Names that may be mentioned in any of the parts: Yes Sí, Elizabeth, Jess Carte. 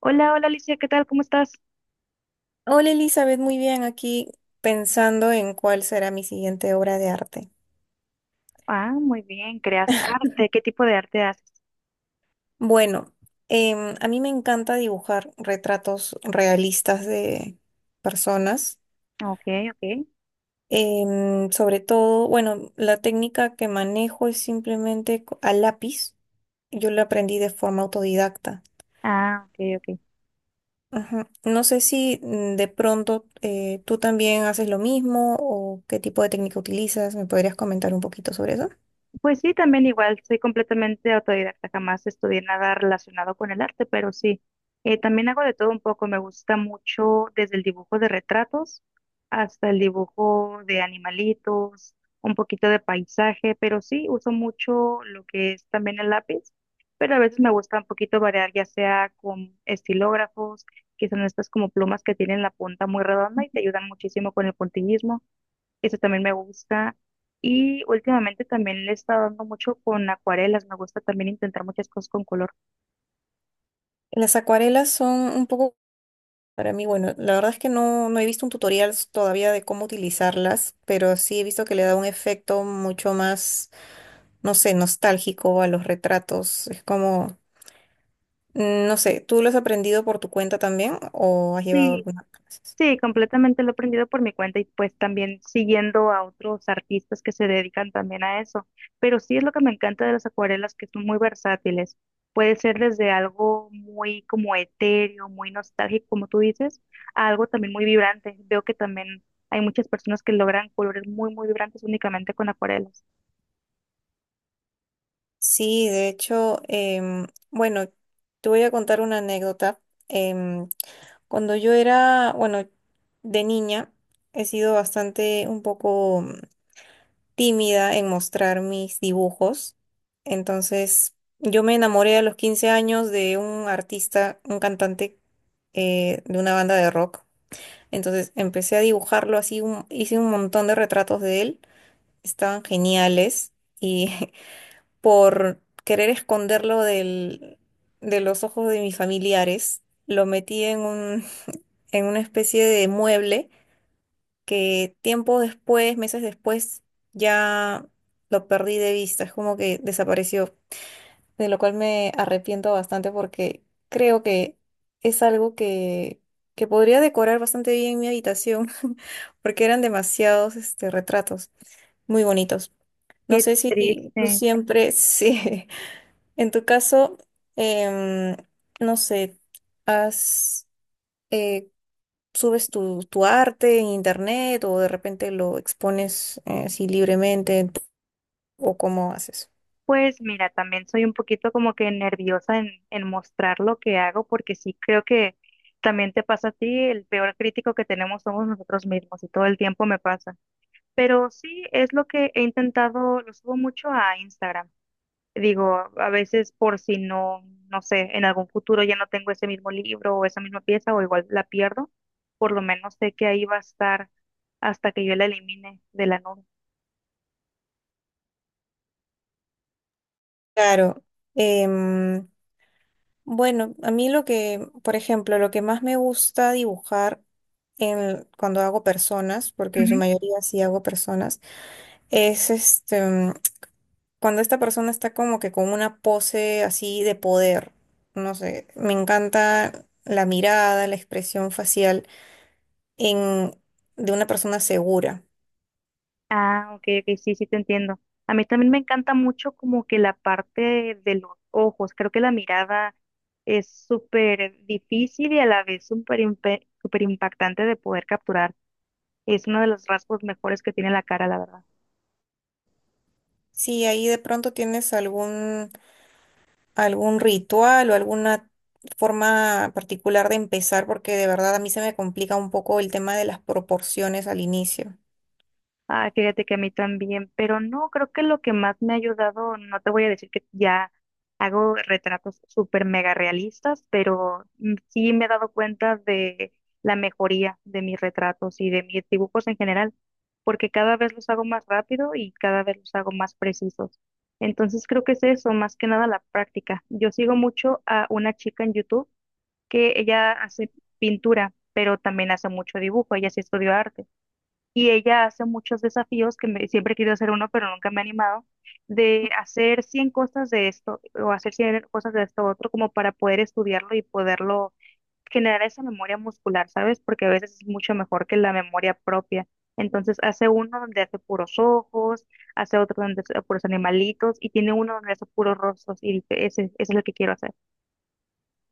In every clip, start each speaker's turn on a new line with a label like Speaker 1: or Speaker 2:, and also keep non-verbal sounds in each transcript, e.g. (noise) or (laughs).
Speaker 1: Hola, hola Alicia, ¿qué tal? ¿Cómo estás?
Speaker 2: Hola Elizabeth, muy bien, aquí pensando en cuál será mi siguiente obra de arte.
Speaker 1: Ah, muy bien, creas arte. ¿Qué tipo de arte haces?
Speaker 2: Bueno, a mí me encanta dibujar retratos realistas de personas.
Speaker 1: Ok, ok.
Speaker 2: Sobre todo, bueno, la técnica que manejo es simplemente a lápiz. Yo la aprendí de forma autodidacta.
Speaker 1: Ah, ok, ok.
Speaker 2: Ajá. No sé si de pronto tú también haces lo mismo o qué tipo de técnica utilizas. ¿Me podrías comentar un poquito sobre eso?
Speaker 1: Pues sí, también igual, soy completamente autodidacta, jamás estudié nada relacionado con el arte, pero sí, también hago de todo un poco, me gusta mucho desde el dibujo de retratos hasta el dibujo de animalitos, un poquito de paisaje, pero sí, uso mucho lo que es también el lápiz, pero a veces me gusta un poquito variar, ya sea con estilógrafos, que son estas como plumas que tienen la punta muy redonda y te ayudan muchísimo con el puntillismo. Eso también me gusta. Y últimamente también le he estado dando mucho con acuarelas. Me gusta también intentar muchas cosas con color.
Speaker 2: Las acuarelas son un poco. Para mí, bueno, la verdad es que no, no he visto un tutorial todavía de cómo utilizarlas, pero sí he visto que le da un efecto mucho más, no sé, nostálgico a los retratos. Es como, no sé, ¿tú lo has aprendido por tu cuenta también o has llevado
Speaker 1: Sí,
Speaker 2: algunas clases?
Speaker 1: sí, completamente lo he aprendido por mi cuenta y pues también siguiendo a otros artistas que se dedican también a eso. Pero sí es lo que me encanta de las acuarelas, que son muy versátiles. Puede ser desde algo muy como etéreo, muy nostálgico, como tú dices, a algo también muy vibrante. Veo que también hay muchas personas que logran colores muy, muy vibrantes únicamente con acuarelas.
Speaker 2: Sí, de hecho, bueno, te voy a contar una anécdota. Em, cuando yo era, bueno, de niña, he sido bastante un poco tímida en mostrar mis dibujos. Entonces, yo me enamoré a los 15 años de un artista, un cantante de una banda de rock. Entonces, empecé a dibujarlo así, hice un montón de retratos de él. Estaban geniales y (laughs) por querer esconderlo de los ojos de mis familiares, lo metí en una especie de mueble que tiempo después, meses después, ya lo perdí de vista, es como que desapareció, de lo cual me arrepiento bastante porque creo que es algo que podría decorar bastante bien mi habitación, (laughs) porque eran demasiados retratos muy bonitos. No
Speaker 1: Qué
Speaker 2: sé si tú
Speaker 1: triste.
Speaker 2: siempre, (laughs) sí, en tu caso, em, no sé, has, eh, subes tu arte en internet o de repente lo expones así libremente, ¿o cómo haces?
Speaker 1: Pues mira, también soy un poquito como que nerviosa en mostrar lo que hago, porque sí creo que también te pasa a ti, el peor crítico que tenemos somos nosotros mismos y todo el tiempo me pasa. Pero sí es lo que he intentado, lo subo mucho a Instagram. Digo, a veces por si no, no sé, en algún futuro ya no tengo ese mismo libro o esa misma pieza o igual la pierdo, por lo menos sé que ahí va a estar hasta que yo la elimine de la nube.
Speaker 2: Claro. em, bueno, a mí lo que, por ejemplo, lo que más me gusta dibujar en, cuando hago personas, porque en su mayoría sí hago personas, es cuando esta persona está como que con una pose así de poder. No sé, me encanta la mirada, la expresión facial en, de una persona segura.
Speaker 1: Ah, ok, ok, sí, sí te entiendo. A mí también me encanta mucho como que la parte de los ojos. Creo que la mirada es súper difícil y a la vez súper impactante de poder capturar. Es uno de los rasgos mejores que tiene la cara, la verdad.
Speaker 2: Si ahí de pronto tienes algún ritual o alguna forma particular de empezar, porque de verdad a mí se me complica un poco el tema de las proporciones al inicio.
Speaker 1: Ah, fíjate que a mí también, pero no, creo que lo que más me ha ayudado, no te voy a decir que ya hago retratos súper mega realistas, pero sí me he dado cuenta de la mejoría de mis retratos y de mis dibujos en general, porque cada vez los hago más rápido y cada vez los hago más precisos. Entonces creo que es eso, más que nada la práctica. Yo sigo mucho a una chica en YouTube que ella hace pintura, pero también hace mucho dibujo, ella sí estudió arte y ella hace muchos desafíos siempre he querido hacer uno, pero nunca me he animado, de hacer 100 cosas de esto o hacer 100 cosas de esto otro, como para poder estudiarlo y poderlo generar esa memoria muscular, ¿sabes? Porque a veces es mucho mejor que la memoria propia. Entonces hace uno donde hace puros ojos, hace otro donde hace puros animalitos y tiene uno donde hace puros rostros y dice, ese es lo que quiero hacer.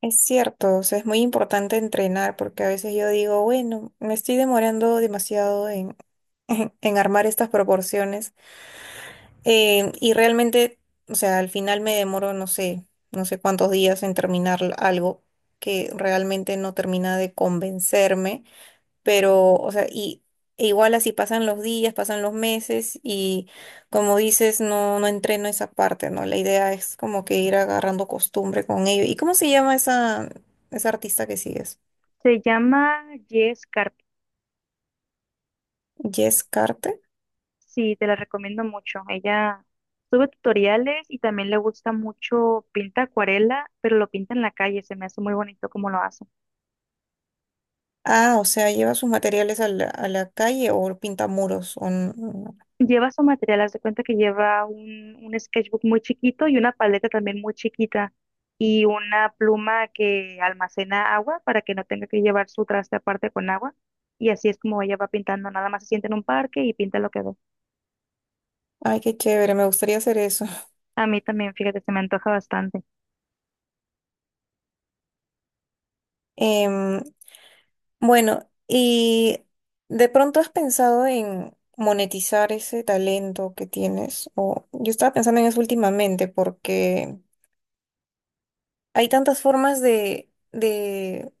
Speaker 2: Es cierto, o sea, es muy importante entrenar, porque a veces yo digo, bueno, me estoy demorando demasiado (laughs) en armar estas proporciones. Y realmente, o sea, al final me demoro, no sé, no sé cuántos días en terminar algo que realmente no termina de convencerme. Pero, o sea, e igual así pasan los días, pasan los meses y como dices, no, no entreno esa parte, ¿no? La idea es como que ir agarrando costumbre con ello. ¿Y cómo se llama esa artista que sigues?
Speaker 1: Se llama Yes.
Speaker 2: Jess Carte.
Speaker 1: Sí, te la recomiendo mucho. Ella sube tutoriales y también le gusta mucho, pinta acuarela, pero lo pinta en la calle, se me hace muy bonito como lo hace.
Speaker 2: Ah, o sea, lleva sus materiales a la calle o pinta muros.
Speaker 1: Lleva su material, haz de cuenta que lleva un sketchbook muy chiquito y una paleta también muy chiquita y una pluma que almacena agua para que no tenga que llevar su traste aparte con agua. Y así es como ella va pintando, nada más se sienta en un parque y pinta lo que ve.
Speaker 2: Ay, qué chévere, me gustaría hacer eso.
Speaker 1: A mí también, fíjate, se me antoja bastante.
Speaker 2: (laughs) Bueno, ¿y de pronto has pensado en monetizar ese talento que tienes? O yo estaba pensando en eso últimamente porque hay tantas formas de, de,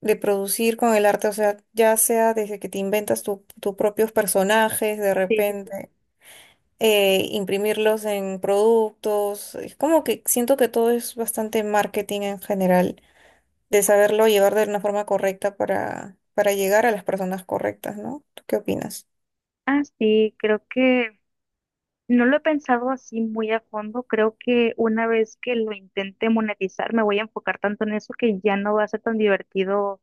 Speaker 2: de producir con el arte, o sea, ya sea desde que te inventas tus propios personajes de
Speaker 1: Sí, sí, sí.
Speaker 2: repente, imprimirlos en productos, es como que siento que todo es bastante marketing en general de saberlo llevar de una forma correcta para llegar a las personas correctas, ¿no? ¿Tú qué opinas?
Speaker 1: Ah, sí, creo que no lo he pensado así muy a fondo. Creo que una vez que lo intente monetizar, me voy a enfocar tanto en eso que ya no va a ser tan divertido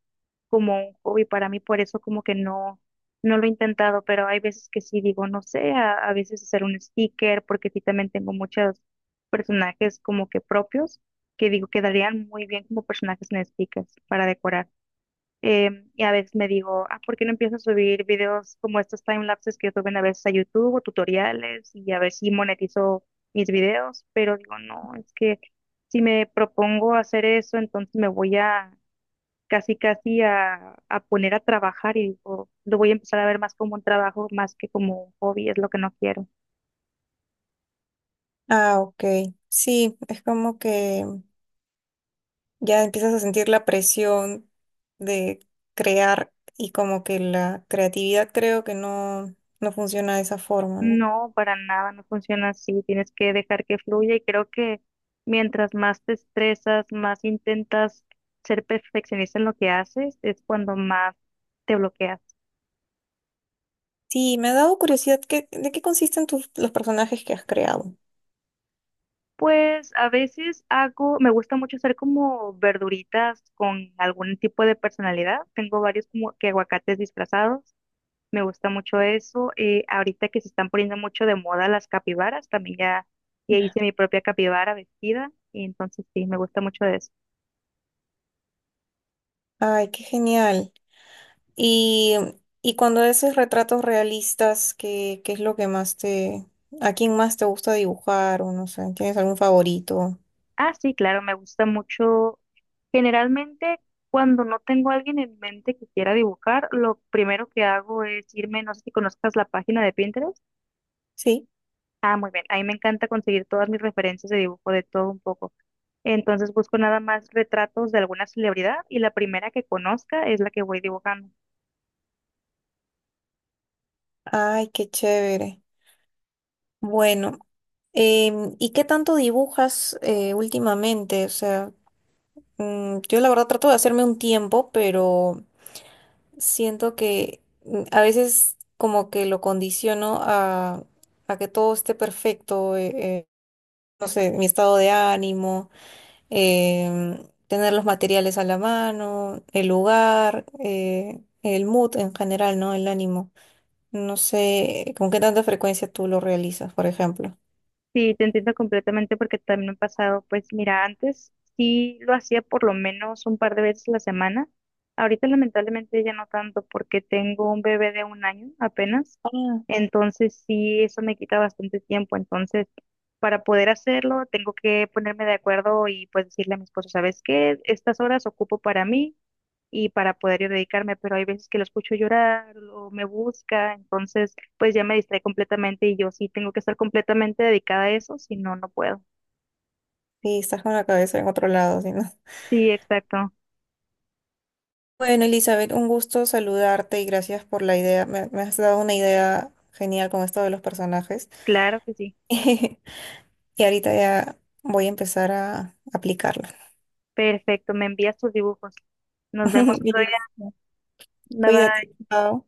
Speaker 1: como un hobby para mí. Por eso como que no, no lo he intentado, pero hay veces que sí digo, no sé, a veces hacer un sticker, porque sí también tengo muchos personajes como que propios, que digo quedarían muy bien como personajes en stickers para decorar. Y a veces me digo, ah, ¿por qué no empiezo a subir videos como estos time lapses que suben a veces a YouTube o tutoriales y a ver si monetizo mis videos? Pero digo, no, es que si me propongo hacer eso, entonces me voy a casi casi a poner a trabajar y digo, lo voy a empezar a ver más como un trabajo más que como un hobby, es lo que no quiero.
Speaker 2: Ah, ok. Sí, es como que ya empiezas a sentir la presión de crear y como que la creatividad creo que no, no funciona de esa forma, ¿no?
Speaker 1: No, para nada, no funciona así. Tienes que dejar que fluya y creo que mientras más te estresas, más intentas ser perfeccionista en lo que haces, es cuando más te bloqueas.
Speaker 2: Sí, me ha dado curiosidad, ¿de qué consisten los personajes que has creado?
Speaker 1: Pues a veces hago, me gusta mucho hacer como verduritas con algún tipo de personalidad. Tengo varios como que aguacates disfrazados. Me gusta mucho eso. Ahorita que se están poniendo mucho de moda las capibaras, también ya, ya
Speaker 2: Ya.
Speaker 1: hice mi propia capibara vestida y entonces sí, me gusta mucho eso.
Speaker 2: Ay, qué genial. Y, y cuando haces retratos realistas, ¿qué es lo que más te, a quién más te gusta dibujar, o no sé, ¿tienes algún favorito?
Speaker 1: Ah, sí, claro, me gusta mucho. Generalmente, cuando no tengo a alguien en mente que quiera dibujar, lo primero que hago es irme, no sé si conozcas la página de Pinterest.
Speaker 2: Sí.
Speaker 1: Ah, muy bien, ahí me encanta conseguir todas mis referencias de dibujo de todo un poco. Entonces busco nada más retratos de alguna celebridad y la primera que conozca es la que voy dibujando.
Speaker 2: Ay, qué chévere. Bueno, ¿y qué tanto dibujas últimamente? O sea, yo la verdad trato de hacerme un tiempo, pero siento que a veces como que lo condiciono a que todo esté perfecto, no sé, mi estado de ánimo em, tener los materiales a la mano, el lugar, el mood en general, ¿no? El ánimo. No sé con qué tanta frecuencia tú lo realizas, por ejemplo.
Speaker 1: Sí, te entiendo completamente porque también me ha pasado, pues mira, antes sí lo hacía por lo menos un par de veces a la semana. Ahorita lamentablemente ya no tanto porque tengo un bebé de un año apenas.
Speaker 2: Ah,
Speaker 1: Entonces sí, eso me quita bastante tiempo. Entonces, para poder hacerlo, tengo que ponerme de acuerdo y pues decirle a mi esposo, ¿sabes qué? Estas horas ocupo para mí y para poder yo dedicarme, pero hay veces que lo escucho llorar o me busca, entonces pues ya me distrae completamente y yo sí tengo que estar completamente dedicada a eso, si no, no puedo.
Speaker 2: sí, estás con la cabeza en otro lado, ¿sí, no? (laughs)
Speaker 1: Sí, exacto,
Speaker 2: Bueno, Elizabeth, un gusto saludarte y gracias por la idea. Me has dado una idea genial con esto de los personajes.
Speaker 1: claro que sí.
Speaker 2: (laughs) Y ahorita ya voy a empezar a aplicarla.
Speaker 1: Perfecto, me envías tus dibujos. Nos vemos
Speaker 2: (laughs)
Speaker 1: otro día.
Speaker 2: Listo.
Speaker 1: Bye
Speaker 2: Cuídate,
Speaker 1: bye.
Speaker 2: chao.